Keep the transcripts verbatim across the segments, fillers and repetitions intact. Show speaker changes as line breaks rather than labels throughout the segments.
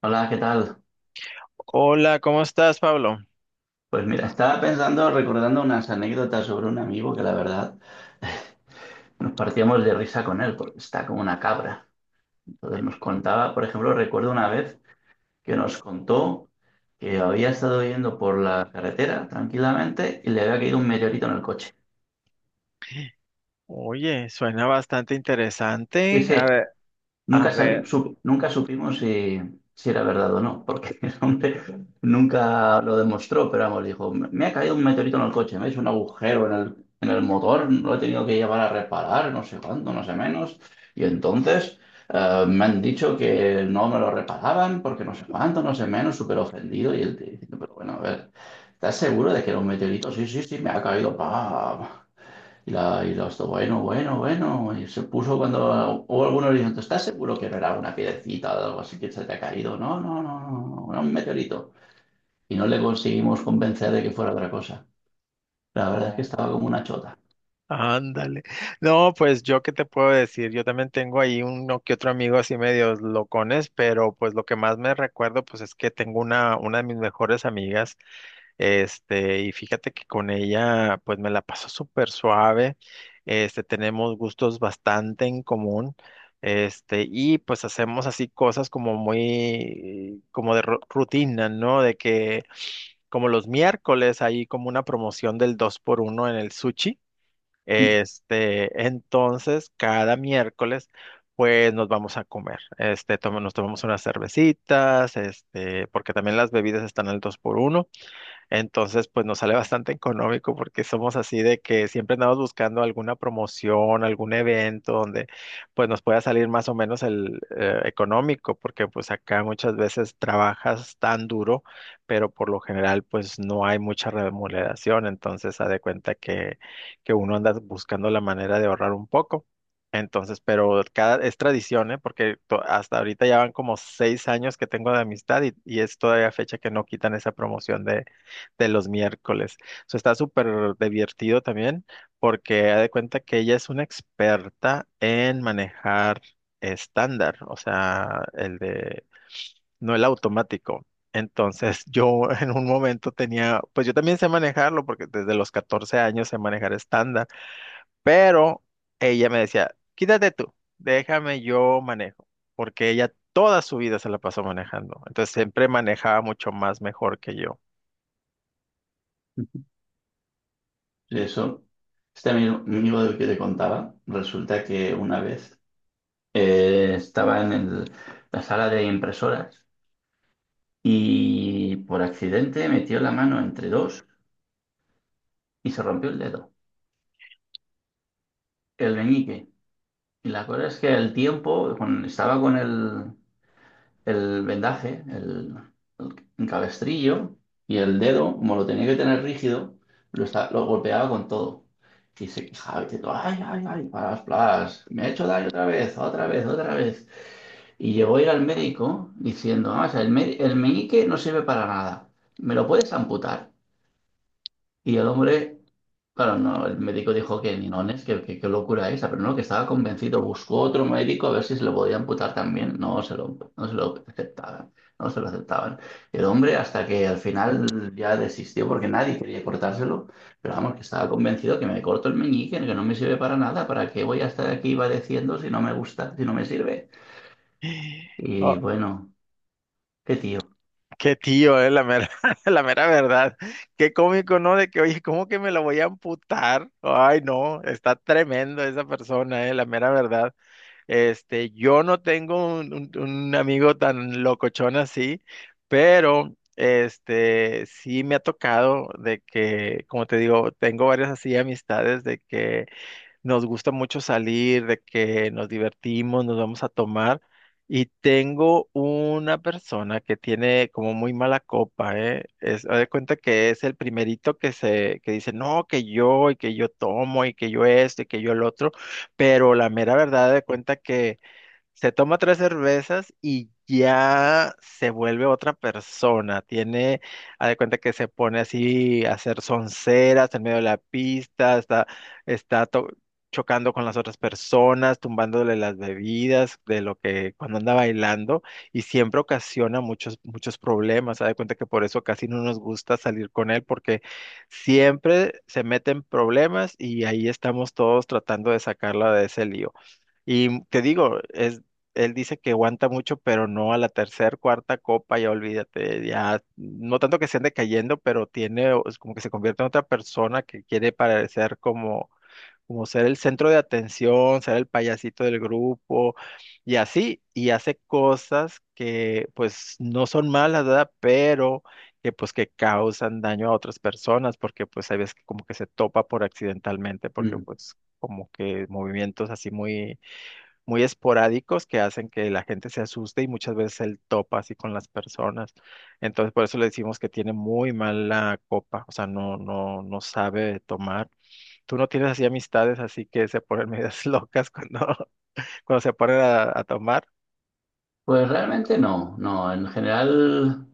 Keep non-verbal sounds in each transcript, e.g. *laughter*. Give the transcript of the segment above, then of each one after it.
Hola, ¿qué tal?
Hola, ¿cómo estás, Pablo?
Pues mira, estaba pensando, recordando unas anécdotas sobre un amigo que la verdad nos partíamos de risa con él, porque está como una cabra. Entonces nos contaba, por ejemplo, recuerdo una vez que nos contó que había estado yendo por la carretera tranquilamente y le había caído un meteorito en el coche.
Oye, suena bastante
Sí,
interesante. A
sí.
ver, a
Nunca, sabi-
ver.
sup- nunca supimos si, si era verdad o no, porque *laughs* el hombre nunca lo demostró, pero vamos, dijo, me me ha caído un meteorito en el coche, me ha hecho un agujero en el, en el motor, lo he tenido que llevar a reparar, no sé cuánto, no sé menos, y entonces eh, me han dicho que no me lo reparaban porque no sé cuánto, no sé menos, súper ofendido, y él te dice, pero bueno, a ver, ¿estás seguro de que era un meteorito? Sí, sí, sí, me ha caído, pa. Y la, y los, dos, bueno, bueno, bueno. Y se puso cuando, o algunos le dijeron, ¿tú estás seguro que no era una piedrecita o algo así que se te ha caído? No, no, no, no, no, no, era un meteorito. Y no le conseguimos convencer de que fuera otra cosa. La verdad es que
Oh,
estaba como una chota. *laughs*
ándale. No, pues yo qué te puedo decir, yo también tengo ahí uno que otro amigo así medios locones, pero pues lo que más me recuerdo pues es que tengo una, una de mis mejores amigas, este, y fíjate que con ella pues me la paso súper suave. Este, tenemos gustos bastante en común, este, y pues hacemos así cosas como muy, como de ru- rutina, ¿no? De que como los miércoles hay como una promoción del dos por uno en el sushi. Este, entonces, cada miércoles, pues nos vamos a comer. Este, toma- nos tomamos unas cervecitas, este, porque también las bebidas están al dos por uno por uno. Entonces, pues nos sale bastante económico porque somos así de que siempre andamos buscando alguna promoción, algún evento donde pues nos pueda salir más o menos el eh, económico, porque pues acá muchas veces trabajas tan duro, pero por lo general pues no hay mucha remuneración. Entonces haz de cuenta que, que uno anda buscando la manera de ahorrar un poco. Entonces, pero cada, es tradición, ¿eh? Porque to- hasta ahorita ya van como seis años que tengo de amistad, y, y es todavía fecha que no quitan esa promoción de los miércoles. O sea, está súper divertido también porque ha de cuenta que ella es una experta en manejar estándar, o sea, el de, no el automático. Entonces yo *laughs* en un momento tenía, pues yo también sé manejarlo porque desde los catorce años sé manejar estándar, pero ella me decía, quítate tú, déjame yo manejo, porque ella toda su vida se la pasó manejando. Entonces siempre manejaba mucho más mejor que yo.
Y eso, este amigo, amigo del que te contaba, resulta que una vez eh, estaba en el- la sala de impresoras y por accidente metió la mano entre dos y se rompió el dedo, el meñique. Y la cosa es que el tiempo, cuando estaba con el, el vendaje, el, el cabestrillo y el dedo, como lo tenía que tener rígido, lo, esta- lo golpeaba con todo. Y se quejaba diciendo, ay, ay, ay, plas, plas, me ha hecho daño otra vez, otra vez, otra vez. Y llegó a ir al médico diciendo: "Ah, o sea, el, me- el meñique no sirve para nada, ¿me lo puedes amputar?". Y el hombre, claro, no, el médico dijo que ninones, que, que, qué locura esa, pero no, que estaba convencido, buscó otro médico a ver si se lo podía amputar también, no se lo, no se lo aceptaban, no se lo aceptaban. El hombre, hasta que al final ya desistió porque nadie quería cortárselo, pero vamos, que estaba convencido que me corto el meñique, que no me sirve para nada, ¿para qué voy a estar aquí padeciendo si no me gusta, si no me sirve?
*gasps* Oh.
Y bueno, qué tío.
Qué tío, eh, la mera, *laughs* la mera verdad. Qué cómico, ¿no? De que, oye, ¿cómo que me la voy a amputar? Ay, no, está tremendo esa persona, eh, la mera verdad. Este, yo no tengo un, un- un amigo tan locochón así, pero este, sí me ha tocado de que, como te digo, tengo varias así amistades de que nos gusta mucho salir, de que nos divertimos, nos vamos a tomar. Y tengo una persona que tiene como muy mala copa, ¿eh? Es, haz de cuenta que es el primerito que se, que dice, no, que yo, y que yo tomo, y que yo esto, y que yo el otro. Pero la mera verdad, haz de cuenta que se toma tres cervezas y ya se vuelve otra persona. Tiene, haz de cuenta que se pone así a hacer sonceras en medio de la pista, está, está to- chocando con las otras personas, tumbándole las bebidas de lo que cuando anda bailando y siempre ocasiona muchos, muchos problemas. Haz de cuenta que por eso casi no nos gusta salir con él porque siempre se meten problemas y ahí estamos todos tratando de sacarla de ese lío. Y te digo, es, él dice que aguanta mucho, pero no a la tercera, cuarta copa, ya olvídate, ya, no tanto que se ande cayendo, pero tiene, o es como que se convierte en otra persona que quiere parecer como, como ser el centro de atención, ser el payasito del grupo, y así, y hace cosas que pues no son malas, ¿verdad? Pero que pues que causan daño a otras personas, porque pues hay veces que como que se topa por accidentalmente, porque
Mm.
pues como que movimientos así muy muy esporádicos que hacen que la gente se asuste y muchas veces él topa así con las personas. Entonces, por eso le decimos que tiene muy mala copa, o sea, no, no, no sabe tomar. Tú no tienes así amistades, así que se ponen medias *laughs* locas cuando, *laughs* cuando se ponen a, a tomar.
Pues realmente no, no, en general...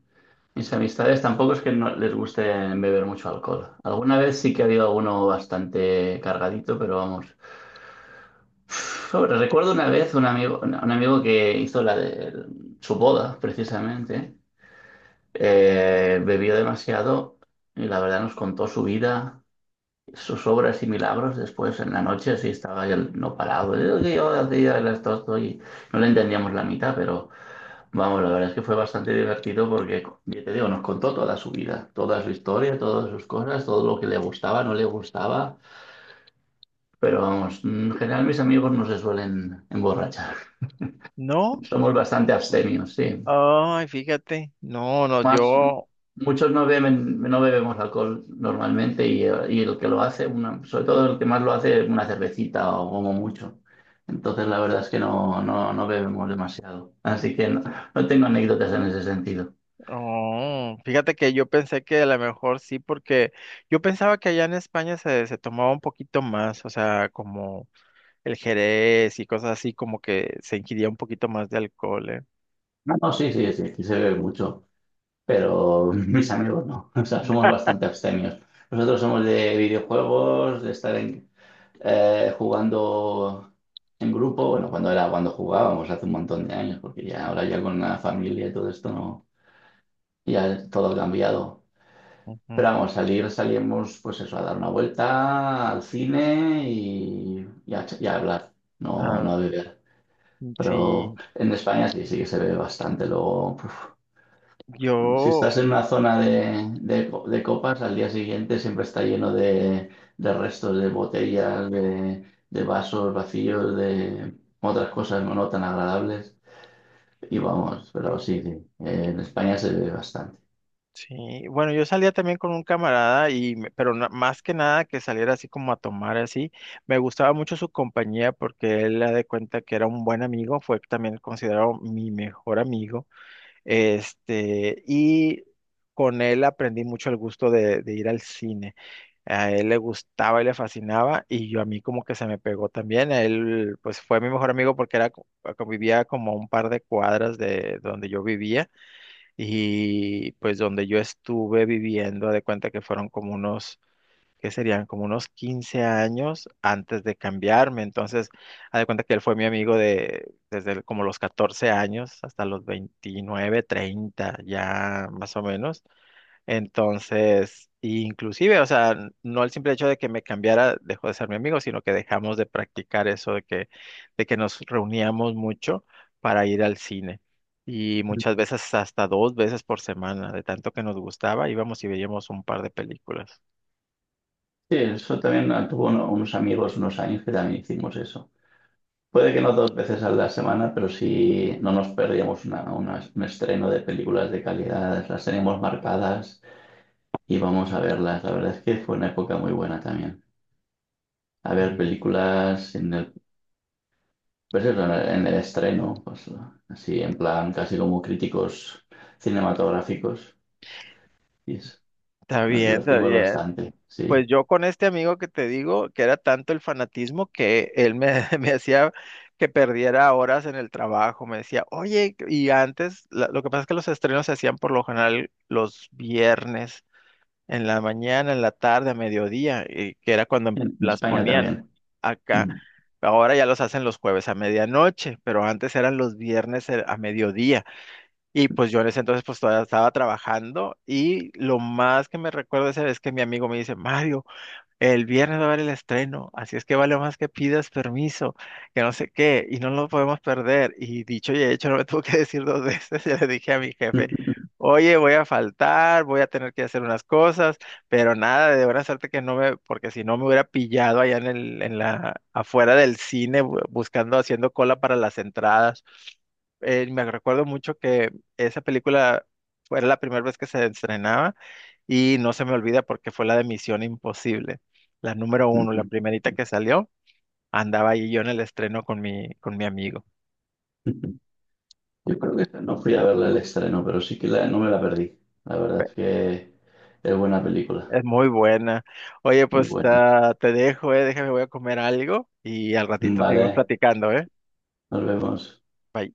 Mis amistades tampoco es que no les guste beber mucho alcohol. Alguna vez sí que ha habido alguno bastante cargadito, pero vamos. Sobre- Recuerdo una vez un amigo, un amigo que hizo la de su boda, precisamente. Eh, bebió demasiado y la verdad nos contó su vida, sus obras y milagros. Después en la noche sí estaba él no parado. Yo, yo hacía el esto, esto, y no le entendíamos la mitad, pero. Vamos, la verdad es que fue bastante divertido porque, ya te digo, nos contó toda su vida, toda su historia, todas sus cosas, todo lo que le gustaba, no le gustaba. Pero vamos, en general mis amigos no se suelen emborrachar.
No,
*laughs* Somos bastante abstemios, sí.
ay, fíjate, no, no,
Más,
yo.
muchos no beben, no bebemos alcohol normalmente y, eh, y el que lo hace, una, sobre todo el que más lo hace, una cervecita o como mucho. Entonces la verdad es que no, no, no bebemos demasiado. Así que no, no tengo anécdotas en ese sentido.
Oh, fíjate que yo pensé que a lo mejor sí, porque yo pensaba que allá en España se, se tomaba un poquito más, o sea, como el Jerez y cosas así, como que se ingiría un poquito más de alcohol, ¿eh?
No, no, sí, sí, sí, aquí se bebe mucho, pero mis amigos no. *laughs* O sea, somos bastante abstemios. Nosotros somos de videojuegos, de estar en- eh, jugando en grupo. Bueno, cuando era cuando jugábamos hace un montón de años, porque ya ahora ya con la familia y todo esto no, ya todo ha cambiado. Pero
Ujú.
vamos, salir, salíamos pues eso, a dar una vuelta al cine y, y a, y a hablar, no,
Ah,
no a beber.
mm,
Pero
sí,
en España sí, sí que se bebe bastante. Luego, si estás
yo,
en una zona de, de co- de copas, al día siguiente siempre está lleno de, de restos de botellas, de, de vasos vacíos, de otras cosas no, no tan agradables. Y vamos, pero sí, sí, eh, en España se ve bastante.
sí, bueno, yo salía también con un camarada y, me- pero na- más que nada que saliera así como a tomar así, me gustaba mucho su compañía porque él la de cuenta que era un buen amigo, fue también considerado mi mejor amigo. Este, y con él aprendí mucho el gusto de, de ir al cine. A él le gustaba y le fascinaba, y yo a mí como que se me pegó también. Él, pues fue mi mejor amigo porque era, co- vivía como a un par de cuadras de donde yo vivía, y pues donde yo estuve viviendo, de cuenta que fueron como unos que serían como unos quince años antes de cambiarme. Entonces, haz de cuenta que él fue mi amigo de desde el- como los catorce años hasta los veintinueve treinta ya más o menos. Entonces, inclusive, o sea, n- no el simple hecho de que me cambiara dejó de ser mi amigo, sino que dejamos de practicar eso de que, de que, nos reuníamos mucho para ir al cine. Y muchas veces hasta dos veces por semana, de tanto que nos gustaba, íbamos y veíamos un par de películas.
Sí, eso también, ah, tuvo uno- unos amigos unos años que también hicimos eso. Puede que no dos veces a la semana, pero sí no nos perdíamos una, una- un estreno de películas de calidad, las tenemos marcadas y vamos a verlas. La verdad es que fue una época muy buena también. A ver
Sí.
películas en el, pues eso, en el, en el estreno, pues así en plan casi como críticos cinematográficos. Y es-
Está
nos
bien, está
divertimos
bien.
bastante, sí.
Pues yo con este amigo que te digo, que era tanto el fanatismo que él me, *laughs* me hacía que perdiera horas en el trabajo. Me decía, oye, y antes, la- lo que pasa es que los estrenos se hacían por lo general los viernes, en la mañana, en la tarde, a mediodía, y que era cuando em,
En, en
las
España
ponían
también.
acá.
Mm.
Ahora ya los hacen los jueves a medianoche, pero antes eran los viernes eh, a mediodía. Y pues yo en ese entonces pues todavía estaba trabajando y lo más que me recuerdo esa vez que mi amigo me dice, Mario, el viernes va a haber el estreno, así es que vale más que pidas permiso, que no sé qué, y no lo podemos perder. Y dicho y hecho, no me *laughs* tuvo que decir dos veces. *laughs* Ya le dije a mi jefe, oye, voy a faltar, voy a tener que hacer unas cosas, pero nada, de buena suerte que no me, porque si no me hubiera pillado allá en el, en la, afuera del cine, bu- buscando, haciendo cola para las entradas. Eh, me recuerdo mucho que esa película fue la primera vez que se estrenaba y no se me olvida porque fue la de Misión Imposible. La número uno, la
*laughs*
primerita que salió, andaba ahí yo en el estreno con mi, con mi amigo.
Yo creo que esta no fui a verla el estreno, pero sí que la- no me la perdí. La
Fue-
verdad es que es buena película,
Es muy buena. Oye,
muy
pues
buena.
ah, te dejo, eh, déjame, voy a comer algo y al
*laughs*
ratito seguimos
Vale,
platicando, ¿eh?
nos vemos.
Bye.